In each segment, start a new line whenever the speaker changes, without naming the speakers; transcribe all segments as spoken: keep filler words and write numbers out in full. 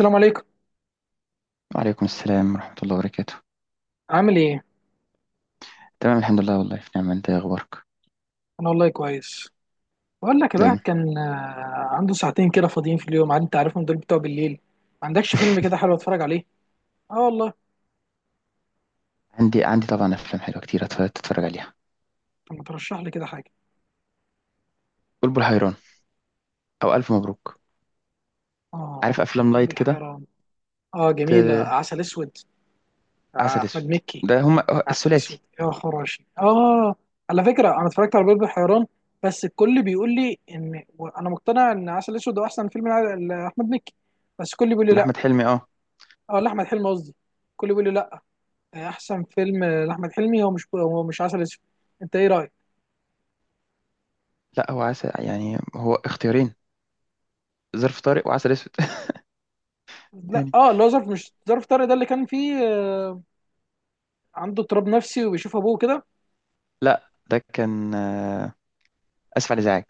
السلام عليكم.
وعليكم السلام ورحمة الله وبركاته.
عامل ايه؟
تمام، الحمد لله، والله في نعمة. انت إيه اخبارك؟
انا والله كويس. بقول لك الواحد
دايما.
كان آه، عنده ساعتين كده فاضيين في اليوم، عاد انت عارفهم دول بتوع بالليل. ما عندكش فيلم كده حلو اتفرج عليه؟ اه والله.
عندي عندي طبعا افلام حلوة كتير، أتف- تتفرج عليها.
طب ما ترشح لي كده حاجه.
بلبل حيران، او الف مبروك.
اه.
عارف افلام
قلب
لايت كده.
الحيران. اه،
ت...
جميله. عسل اسود. آه،
عسل
احمد
اسود.
مكي.
ده هم
عسل اسود
الثلاثي.
يا خراشي، اه. على فكره، انا اتفرجت على قلب الحيران. بس الكل بيقول لي ان. انا مقتنع ان عسل اسود هو احسن فيلم لاحمد مكي. بس الكل بيقول لي
من
لا.
احمد حلمي، اه.
اه، لاحمد حلمي قصدي. الكل بيقول لي لا. احسن فيلم لاحمد حلمي هو مش هو مش عسل اسود. انت ايه رايك؟
لا، هو عسل، يعني هو اختيارين: ظرف طارق وعسل اسود.
لا،
يعني
اه، اللي هو ظرف، مش ظرف طارق، ده اللي كان فيه آه، عنده اضطراب نفسي وبيشوف ابوه كده.
لا، ده كان آه، اسف على الازعاج.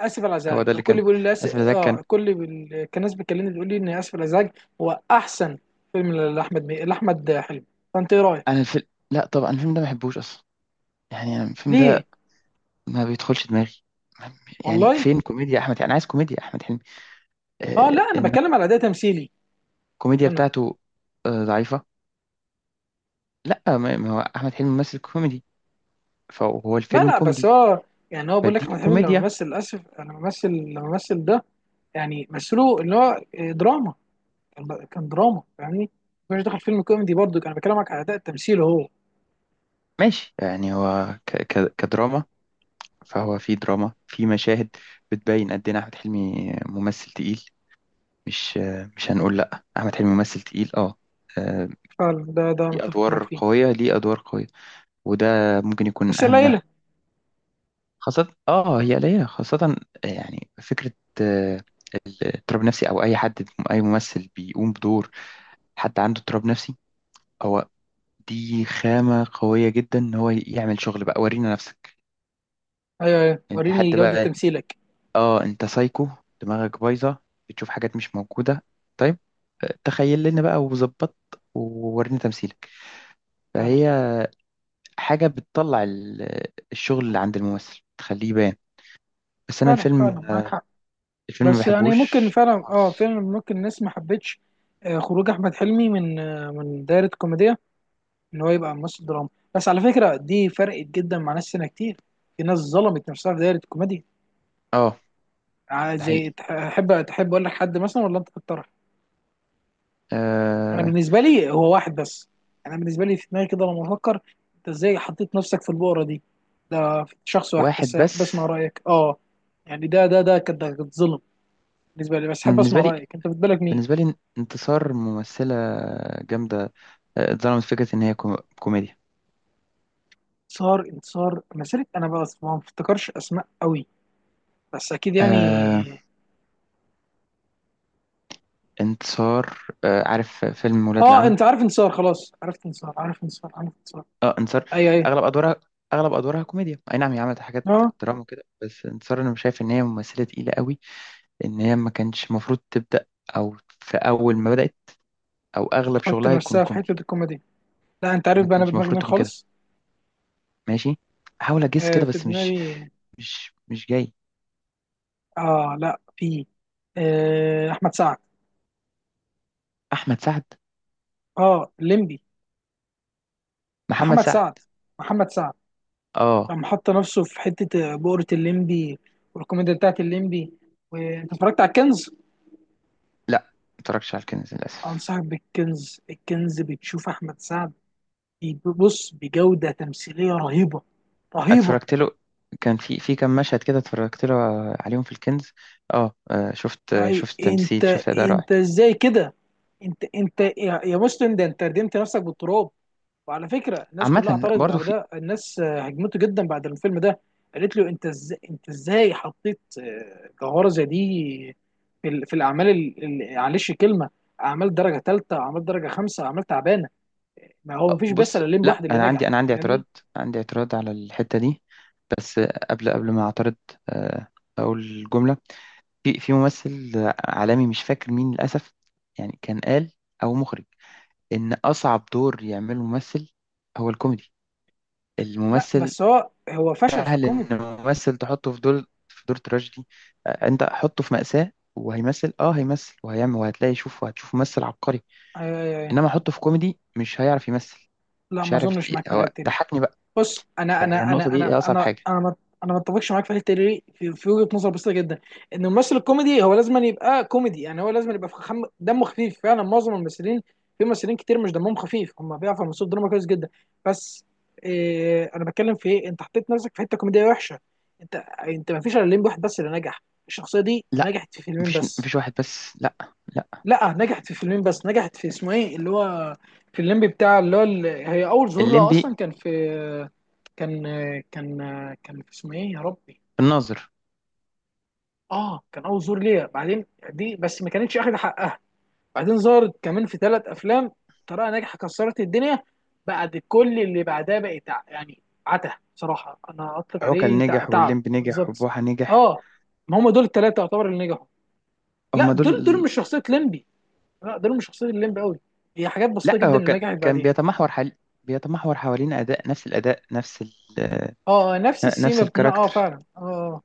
اسف على
هو
الازعاج.
ده اللي
الكل
كان.
بيقول لي اسف،
اسف على الازعاج
اه،
كان.
الكل بال... كان ناس بتكلمني بتقول لي ان اسف على الازعاج. هو احسن فيلم لاحمد مي... لاحمد حلمي. فانت ايه
انا
رايك؟
الفيلم، لا، طبعا الفيلم ده ما بحبوش اصلا. يعني أنا الفيلم
ليه؟
ده ما بيدخلش دماغي. ما- يعني
والله.
فين كوميديا احمد؟ انا عايز كوميديا احمد حلمي.
اه لا،
آه
انا
انما
بتكلم على اداء تمثيلي.
الكوميديا
انا.
بتاعته آه ضعيفه. لا، ما ما هو احمد حلمي ممثل كوميدي، فهو
لا
الفيلم
لا، بس
كوميدي.
هو، يعني هو بيقول لك
فاديني
احمد حلمي لما
كوميديا.
مثل اسف، لما مثل لما مثل ده، يعني مثله اللي هو آه، دراما. كان كان دراما، فاهمني؟ مش داخل فيلم كوميدي برضو، كان بكلمك على اداء التمثيل هو.
ماشي، يعني هو ك ك كدراما فهو في دراما، في مشاهد بتبين قد ايه احمد حلمي ممثل تقيل. مش، آه مش هنقول لا، احمد حلمي ممثل تقيل، اه. آه،
فعلا، ده ده أنا
ليه
متفق
ادوار
معاك فيه.
قويه، ليه ادوار قويه. وده ممكن يكون
بس
اهم.
قليله.
خاصة، اه هي قليلة. خاصة يعني فكرة آه، الاضطراب النفسي، او اي حد اي ممثل بيقوم بدور حد عنده اضطراب نفسي. هو دي خامة قوية جدا ان هو يعمل شغل. بقى ورينا نفسك.
ايوه، ايوه،
انت
وريني
حد
جوده
بقى،
تمثيلك.
اه، انت سايكو، دماغك بايظة، بتشوف حاجات مش موجودة. طيب، آه، تخيل لنا بقى وظبط وورينا تمثيلك.
فعلا،
فهي حاجة بتطلع ال- الشغل اللي عند الممثل تخليه يبان. بس انا
فعلا، فعلا
الفيلم،
معاك حق.
الفيلم ما
بس يعني ممكن
بحبوش
فعلا، اه
خالص،
فعلا ممكن الناس ما حبتش آه، خروج احمد حلمي من آه، من دايره كوميديا، ان هو يبقى ممثل دراما. بس على فكره دي فرقت جدا مع ناس سنه كتير. في ناس ظلمت نفسها في دايره الكوميديا.
اه.
ع-
ده
زي
حقيقي.
تح- تحب تحب اقول لك حد مثلا ولا انت تختار؟ انا
أه.
بالنسبه لي هو واحد بس. انا بالنسبه لي في دماغي كده لما افكر، انت ازاي حطيت نفسك في البؤره دي؟ ده شخص واحد
واحد
بس، حابب
بس.
اسمع رايك، اه. يعني ده ده ده كانت ده كانت ظلم بالنسبه لي، بس
أنا
حابب
بالنسبة
اسمع
لي،
رايك، انت في بالك مين؟
بالنسبة لي انتصار ممثلة جامدة. آه، اتظلمت فكرة إن هي كو- كوميديا.
انتصار انتصار مسيره، انا بس ما بفتكرش اسماء قوي، بس اكيد يعني.
أه، انتصار. أه، عارف فيلم ولاد
اه،
العم؟
انت عارف انتصار، خلاص عرفت انتصار، عارف انتصار، عارف انتصار.
اه، انتصار.
ايوه، ايوه.
أغلب أدوارها أغلب أدوارها كوميديا، أي نعم هي عملت حاجات
اه،
دراما وكده. بس انتصار أنا مش شايف إن هي ممثلة تقيلة قوي. إن هي ما كانش المفروض تبدأ، أو في أول ما بدأت أو أغلب
تحط
شغلها يكون
نفسها في حته
كوميدي.
الكوميدي. لا، انت عارف
ما
بقى انا
كانش
بدماغي
المفروض
مين
تكون كده.
خالص؟
ماشي، حاول أجس
آه
كده،
في
بس مش
دماغي.
مش مش جاي.
اه، لا، في. آه احمد سعد.
احمد سعد.
اه، الليمبي.
محمد
محمد
سعد.
سعد، محمد سعد،
اه،
لما حط نفسه في حته آه، بؤره الليمبي والكوميديا بتاعت الليمبي. وانت اتفرجت على الكنز؟
لا، ما اتفرجتش على الكنز للاسف.
انصحك بالكنز. الكنز بتشوف احمد سعد، بص بجوده تمثيليه رهيبه، رهيبه.
اتفرجت له، كان في في كام مشهد كده اتفرجت له عليهم في الكنز. اه، آه، شفت
يعني
شفت تمثيل،
انت
شفت اداء رائع.
انت ازاي كده؟ انت انت يا يا مسلم، ده انت ردمت نفسك بالتراب. وعلى فكره الناس كلها
عامه
اعترضت
برضو
على
في.
ده، الناس آه، هجمته جدا بعد الفيلم ده، قالت له انت ازاي انت ازاي حطيت آه، جوهره زي دي في, ال- في الاعمال ال- ال- معلش كلمه، اعمال درجه ثالثه، اعمال درجه خمسه، اعمال تعبانه. ما هو مفيش بس
بص،
الا الليمبي، واحد
لا،
اللي
انا عندي
نجح،
انا عندي
فاهمني؟
اعتراض. عندي اعتراض على الحته دي. بس قبل قبل ما اعترض آه، اقول جمله. في في ممثل عالمي مش فاكر مين للاسف، يعني كان قال او مخرج، ان اصعب دور يعمله ممثل هو الكوميدي.
لا
الممثل
بس هو هو فشل في
سهل
الكوميدي.
ان ممثل تحطه في دور، في دور تراجيدي. آه، انت حطه في مأساة وهيمثل، اه هيمثل وهيعمل وهتلاقي، شوف وهتشوف ممثل عبقري.
آه
انما حطه في كوميدي مش هيعرف يمثل.
لا،
مش
ما
هيعرف
اظنش معاك
يت...
في
هو
الحته دي.
ضحكني بقى.
بص انا
هي
انا
النقطة
انا انا
دي اصعب
انا
حاجة.
انا ما، انا ما اتفقش معاك في الحته دي، في في وجهه نظر بسيطه جدا، ان الممثل الكوميدي هو لازم أن يبقى كوميدي، يعني هو لازم أن يبقى خم... دمه خفيف. فعلا معظم الممثلين، في ممثلين كتير مش دمهم خفيف، هم بيعرفوا يمثلوا الدراما كويس جدا، بس إيه، انا بتكلم في ايه؟ انت حطيت نفسك في حته كوميديه وحشه. انت، انت ما فيش الا لين واحد بس اللي نجح. الشخصيه دي
لا،
نجحت في فيلمين
مفيش
بس.
مفيش واحد بس، لا. لا.
لا نجحت في فيلمين بس، نجحت في اسمه ايه اللي هو، في الليمبي بتاع اللي هو ال- هي اول ظهور لها اصلا
الليمبي.
كان في، كان كان كان في اسمه ايه يا ربي؟
الناظر.
اه كان اول ظهور ليها، بعدين دي بس ما كانتش اخد حقها. بعدين ظهرت كمان في ثلاث افلام، طريقه ناجحه كسرت الدنيا. بعد كل اللي بعدها بقى تع... يعني عته، صراحه انا اطلق
عوكل
عليه تع-
نجح،
تعب
والليمبي نجح،
بالظبط.
وبوحة نجح.
اه، ما هم دول الثلاثه يعتبر اللي نجحوا. لا،
هما
دول دول
دول.
مش شخصيه ليمبي، لا ده مش شخصية الليمب قوي، هي حاجات بسيطة
لا،
جدا
هو كان،
اللي نجحت
كان
بعديها.
بيتمحور حل... بيتمحور حوالين اداء، نفس الاداء، نفس ال... آه،
اه، نفس
نفس
السيما بناء، اه
الكاركتر.
فعلا، اه.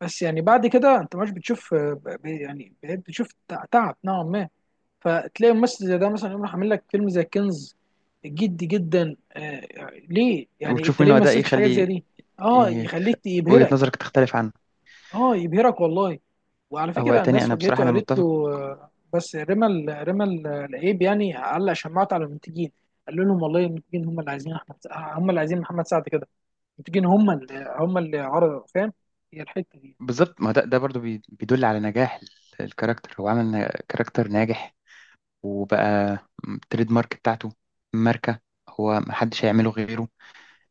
بس يعني بعد كده انت مش بتشوف، آه، ب- ب- يعني بقيت بتشوف تع- تعب نوعا ما. فتلاقي ممثل زي ده مثلا يقوم راح عامل لك فيلم زي كنز، جدي جدا. آه ليه يعني،
وتشوف
انت ليه
منه
ما
اداء
مثلتش حاجات زي
يخلي
دي؟ اه، يخليك
وجهة
يبهرك.
نظرك تختلف عن.
اه، يبهرك والله. وعلى
هو
فكره
تاني،
الناس
انا بصراحة
واجهته،
انا
قالت له،
متفق.
آه، بس رمى ال- رمى ال- العيب، يعني علق شماعته على المنتجين، قال لهم والله المنتجين هم اللي عايزين احمد سع- هم اللي عايزين محمد سعد كده. المنتجين هم اللي هم اللي عرضوا، فاهم؟ هي الحته دي.
بالظبط، ما ده ده برضو بي- بيدل على نجاح ال- الكاركتر. هو عمل ن- كاركتر ناجح وبقى م- تريد مارك بتاعته، ماركة. هو محدش هيعمله غيره.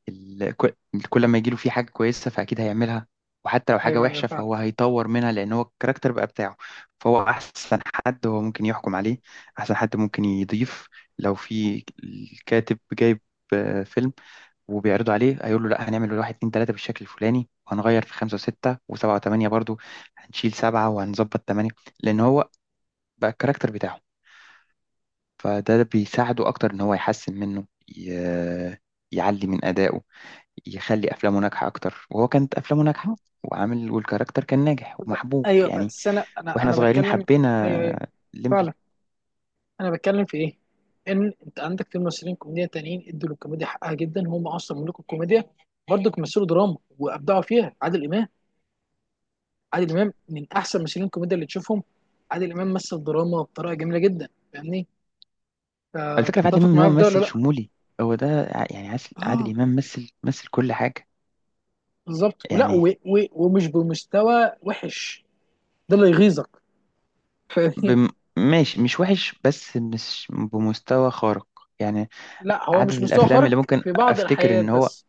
ال- كل، كل ما يجيله فيه حاجة كويسة فأكيد هيعملها، وحتى لو حاجة
ايوه، ايوه،
وحشة
فعلا.
فهو هيطور منها، لأن هو الكاركتر بقى بتاعه. فهو أحسن حد هو ممكن يحكم عليه، أحسن حد ممكن يضيف. لو في الكاتب جايب آه، فيلم وبيعرضوا عليه، هيقول له: لا، هنعمل واحد اتنين تلاتة بالشكل الفلاني، وهنغير في خمسة وستة وسبعة وتمانية، برضو هنشيل سبعة وهنظبط تمانية. لأن هو بقى الكاركتر بتاعه. فده بيساعده أكتر إن هو يحسن منه، ي... يعلي من أدائه، يخلي أفلامه ناجحة أكتر. وهو كانت أفلامه ناجحة وعامل، والكاركتر كان ناجح
ب-
ومحبوب
ايوه
يعني.
بس انا انا
وإحنا
انا
صغيرين
بتكلم، ايوه،
حبينا
ايوه، فعلا،
الليمبي.
انا بتكلم في ايه؟ ان انت عندك في ممثلين كوميديا تانيين ادوا للكوميديا حقها جدا، هم اصلا ملوك الكوميديا، برضه مثلوا دراما وابدعوا فيها. عادل امام، عادل امام من احسن ممثلين الكوميديا اللي تشوفهم. عادل امام مثل دراما بطريقه جميله جدا، فاهمني؟
الفكرة في عادل إمام
فتتفق
إن هو
معايا في ده ولا
ممثل
لا؟
شمولي. هو ده، ع- يعني عس- عادل
اه،
إمام مثل مثل كل حاجة.
بالظبط، ولا
يعني
و و ومش بمستوى وحش، ده اللي يغيظك، فاهمني؟
بم... ماشي، مش وحش، بس مش بمستوى خارق، يعني.
لا هو
عدد
مش مستوى
الافلام
خارق
اللي ممكن
في بعض
افتكر ان
الحاجات
هو،
بس،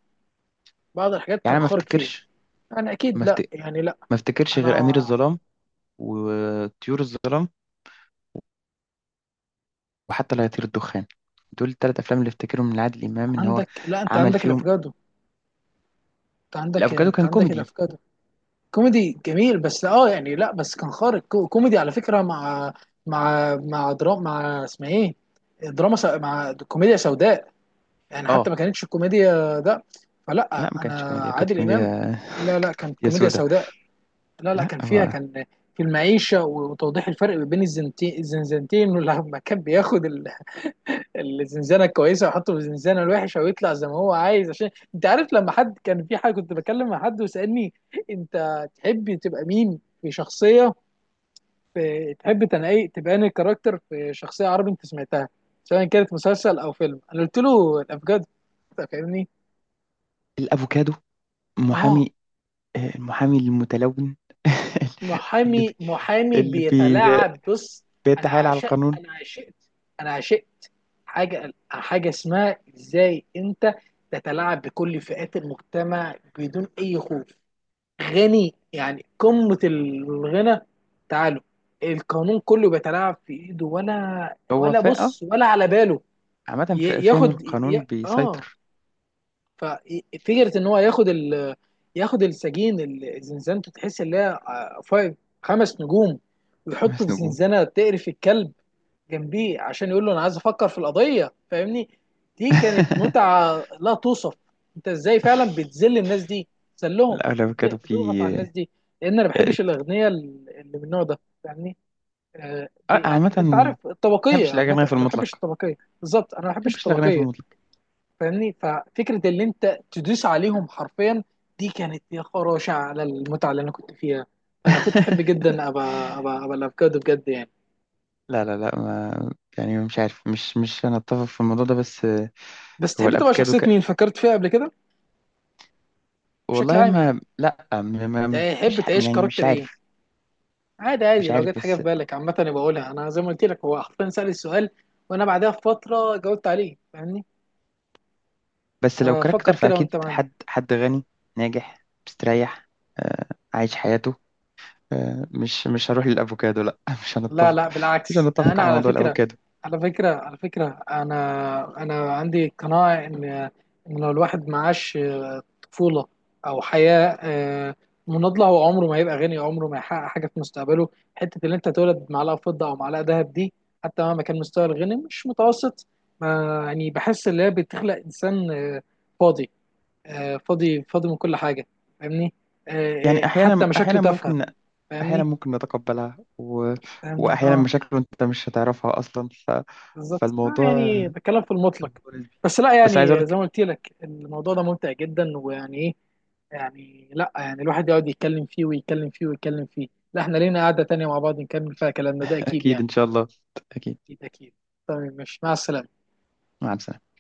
بعض الحاجات
يعني
كان
أنا ما
خارق فيها.
افتكرش.
انا
ما,
اكيد
أفت...
لا، يعني لا.
ما افتكرش غير امير
انا،
الظلام وطيور الظلام وحتى لا يطير الدخان. دول الثلاث افلام اللي افتكرهم من عادل امام ان هو
عندك، لا، انت
عمل
عندك
فيهم.
الافوكادو. انت عندك
الافوكادو
انت
كان
عندك
كوميدي.
الافوكادو. كوميدي جميل، بس اه يعني لا بس كان خارق، كو- كوميدي على فكرة، مع، مع مع دراما، مع اسمها ايه، دراما سو... مع كوميديا سوداء. يعني حتى
اه،
ما كانتش الكوميديا ده،
لا،
فلا
ما كانش
انا
كوميديا، كانت
عادل
كوميديا.
امام. لا، لا،
كانت
كانت
كوميديا
كوميديا
سودا.
سوداء. لا، لا،
لا،
كان فيها
هو
كان في المعيشة، وتوضيح الفرق بين الزنتين الزنزانتين، ولما كان بياخد الزنزانه الكويسه ويحطه في الزنزانه الوحشه ويطلع زي ما هو عايز. عشان، انت عارف، لما حد كان في حاجه، كنت بتكلم مع حد وسالني، انت تحب تبقى مين في شخصيه؟ في تحب تنقي تبان الكاركتر في شخصيه عربي، انت سمعتها سواء كانت مسلسل او فيلم، انا قلت له الافجار، فاهمني؟
الافوكادو
اه،
محامي، آه، المحامي المتلون. اللي بي...
محامي، محامي
اللي بي...
بيتلاعب، بص. انا
بيتحايل على
عشقت
القانون.
انا عشقت انا عشقت حاجه حاجه اسمها ازاي، انت تتلاعب بكل فئات المجتمع بدون اي خوف، غني يعني قمه الغنى، تعالوا، القانون كله بيتلاعب في ايده، ولا
هو
ولا
فا آه،
بص ولا على باله.
عامة فا-
ي-
فاهم،
ياخد ي...
القانون
اه
بيسيطر.
ففكره ان هو ياخد ال... ياخد السجين اللي زنزانته تحس ان هي آه، فايف، خمس نجوم، ويحطه
خمس
في
نجوم
زنزانه تقرف الكلب جنبيه، عشان يقول له انا عايز افكر في القضيه، فاهمني؟ دي كانت متعه لا توصف. انت ازاي فعلا بتذل الناس دي؟ ذلهم. بتز-
الأغلب
بتضغط
في
على الناس دي، لان انا ما
آه، آه،
بحبش الاغنياء اللي من النوع ده، فاهمني؟ آه، ب-
عامة
يعني انت
ما
عارف الطبقيه،
بحبش
عامه
الأغنياء في
انا ما بحبش
المطلق، ما
الطبقيه، بالظبط انا ما بحبش
بحبش الأغنياء في
الطبقيه،
المطلق.
فاهمني؟ ففكره اللي انت تدوس عليهم حرفيا، دي كانت يا خراشة على المتعه اللي انا كنت فيها. انا كنت احب جدا ابقى ابقى ابقى الافوكادو بجد يعني.
لا، لا، لا، ما يعني مش عارف. مش مش أنا أتفق في الموضوع ده، بس آه،
بس
هو
تحب تبقى
الأفوكادو
شخصيه
ك...
مين فكرت فيها قبل كده؟ بشكل
والله،
عام يعني،
ما لا ما ما- ما-
تحب
مش ح-
تعيش
يعني مش
كاركتر ايه؟
عارف.
عادي، عادي،
مش
لو
عارف،
جت حاجه في
بس.
بالك عامه أنا بقولها. انا زي ما قلت لك، هو حرفيا سأل السؤال وانا بعدها بفتره جاوبت عليه، فاهمني؟
بس لو
آه،
كاركتر
فكر كده
فأكيد
وانت معايا.
حد حد غني، ناجح، مستريح، آه، عايش حياته. آه، مش مش هروح للافوكادو، لا. مش
لا،
هنتفق.
لا،
مش
بالعكس، ده
هنتفق
انا
على
على
موضوع
فكره
الافوكادو.
على فكره على فكره انا انا عندي قناعه ان ان لو الواحد معاش آه، طفوله، او حياه آه، مناضله، هو عمره ما هيبقى غني، عمره ما هيحقق حاجه في مستقبله. حته اللي انت تولد معلقه فضه او معلقه ذهب دي، حتى مهما كان مستوى الغني مش متوسط، ما يعني بحس ان هي بتخلق انسان آه، فاضي، آه، فاضي فاضي من كل حاجه، فاهمني؟ آه، آه،
يعني
حتى
احيانا
مشاكله
احيانا
تافهه،
ممكن، احيانا
فاهمني؟
ممكن نتقبلها و...
فاهمني،
واحيانا
اه،
مشاكله انت مش هتعرفها اصلا، ف...
بالظبط، لا
فالموضوع،
يعني
الموضوع
بتكلم في المطلق.
نسبي.
بس لا
بس عايز اقول
يعني زي
لك.
ما قلت لك الموضوع ده ممتع جدا، ويعني ايه، يعني لا يعني الواحد يقعد يتكلم فيه، ويتكلم فيه، ويتكلم فيه. لا احنا لينا قعدة تانية مع بعض نكمل فيها كلامنا ده، اكيد
اكيد
يعني.
ان شاء الله. اكيد.
اكيد، اكيد. طيب، مش مع السلامة.
مع السلامه.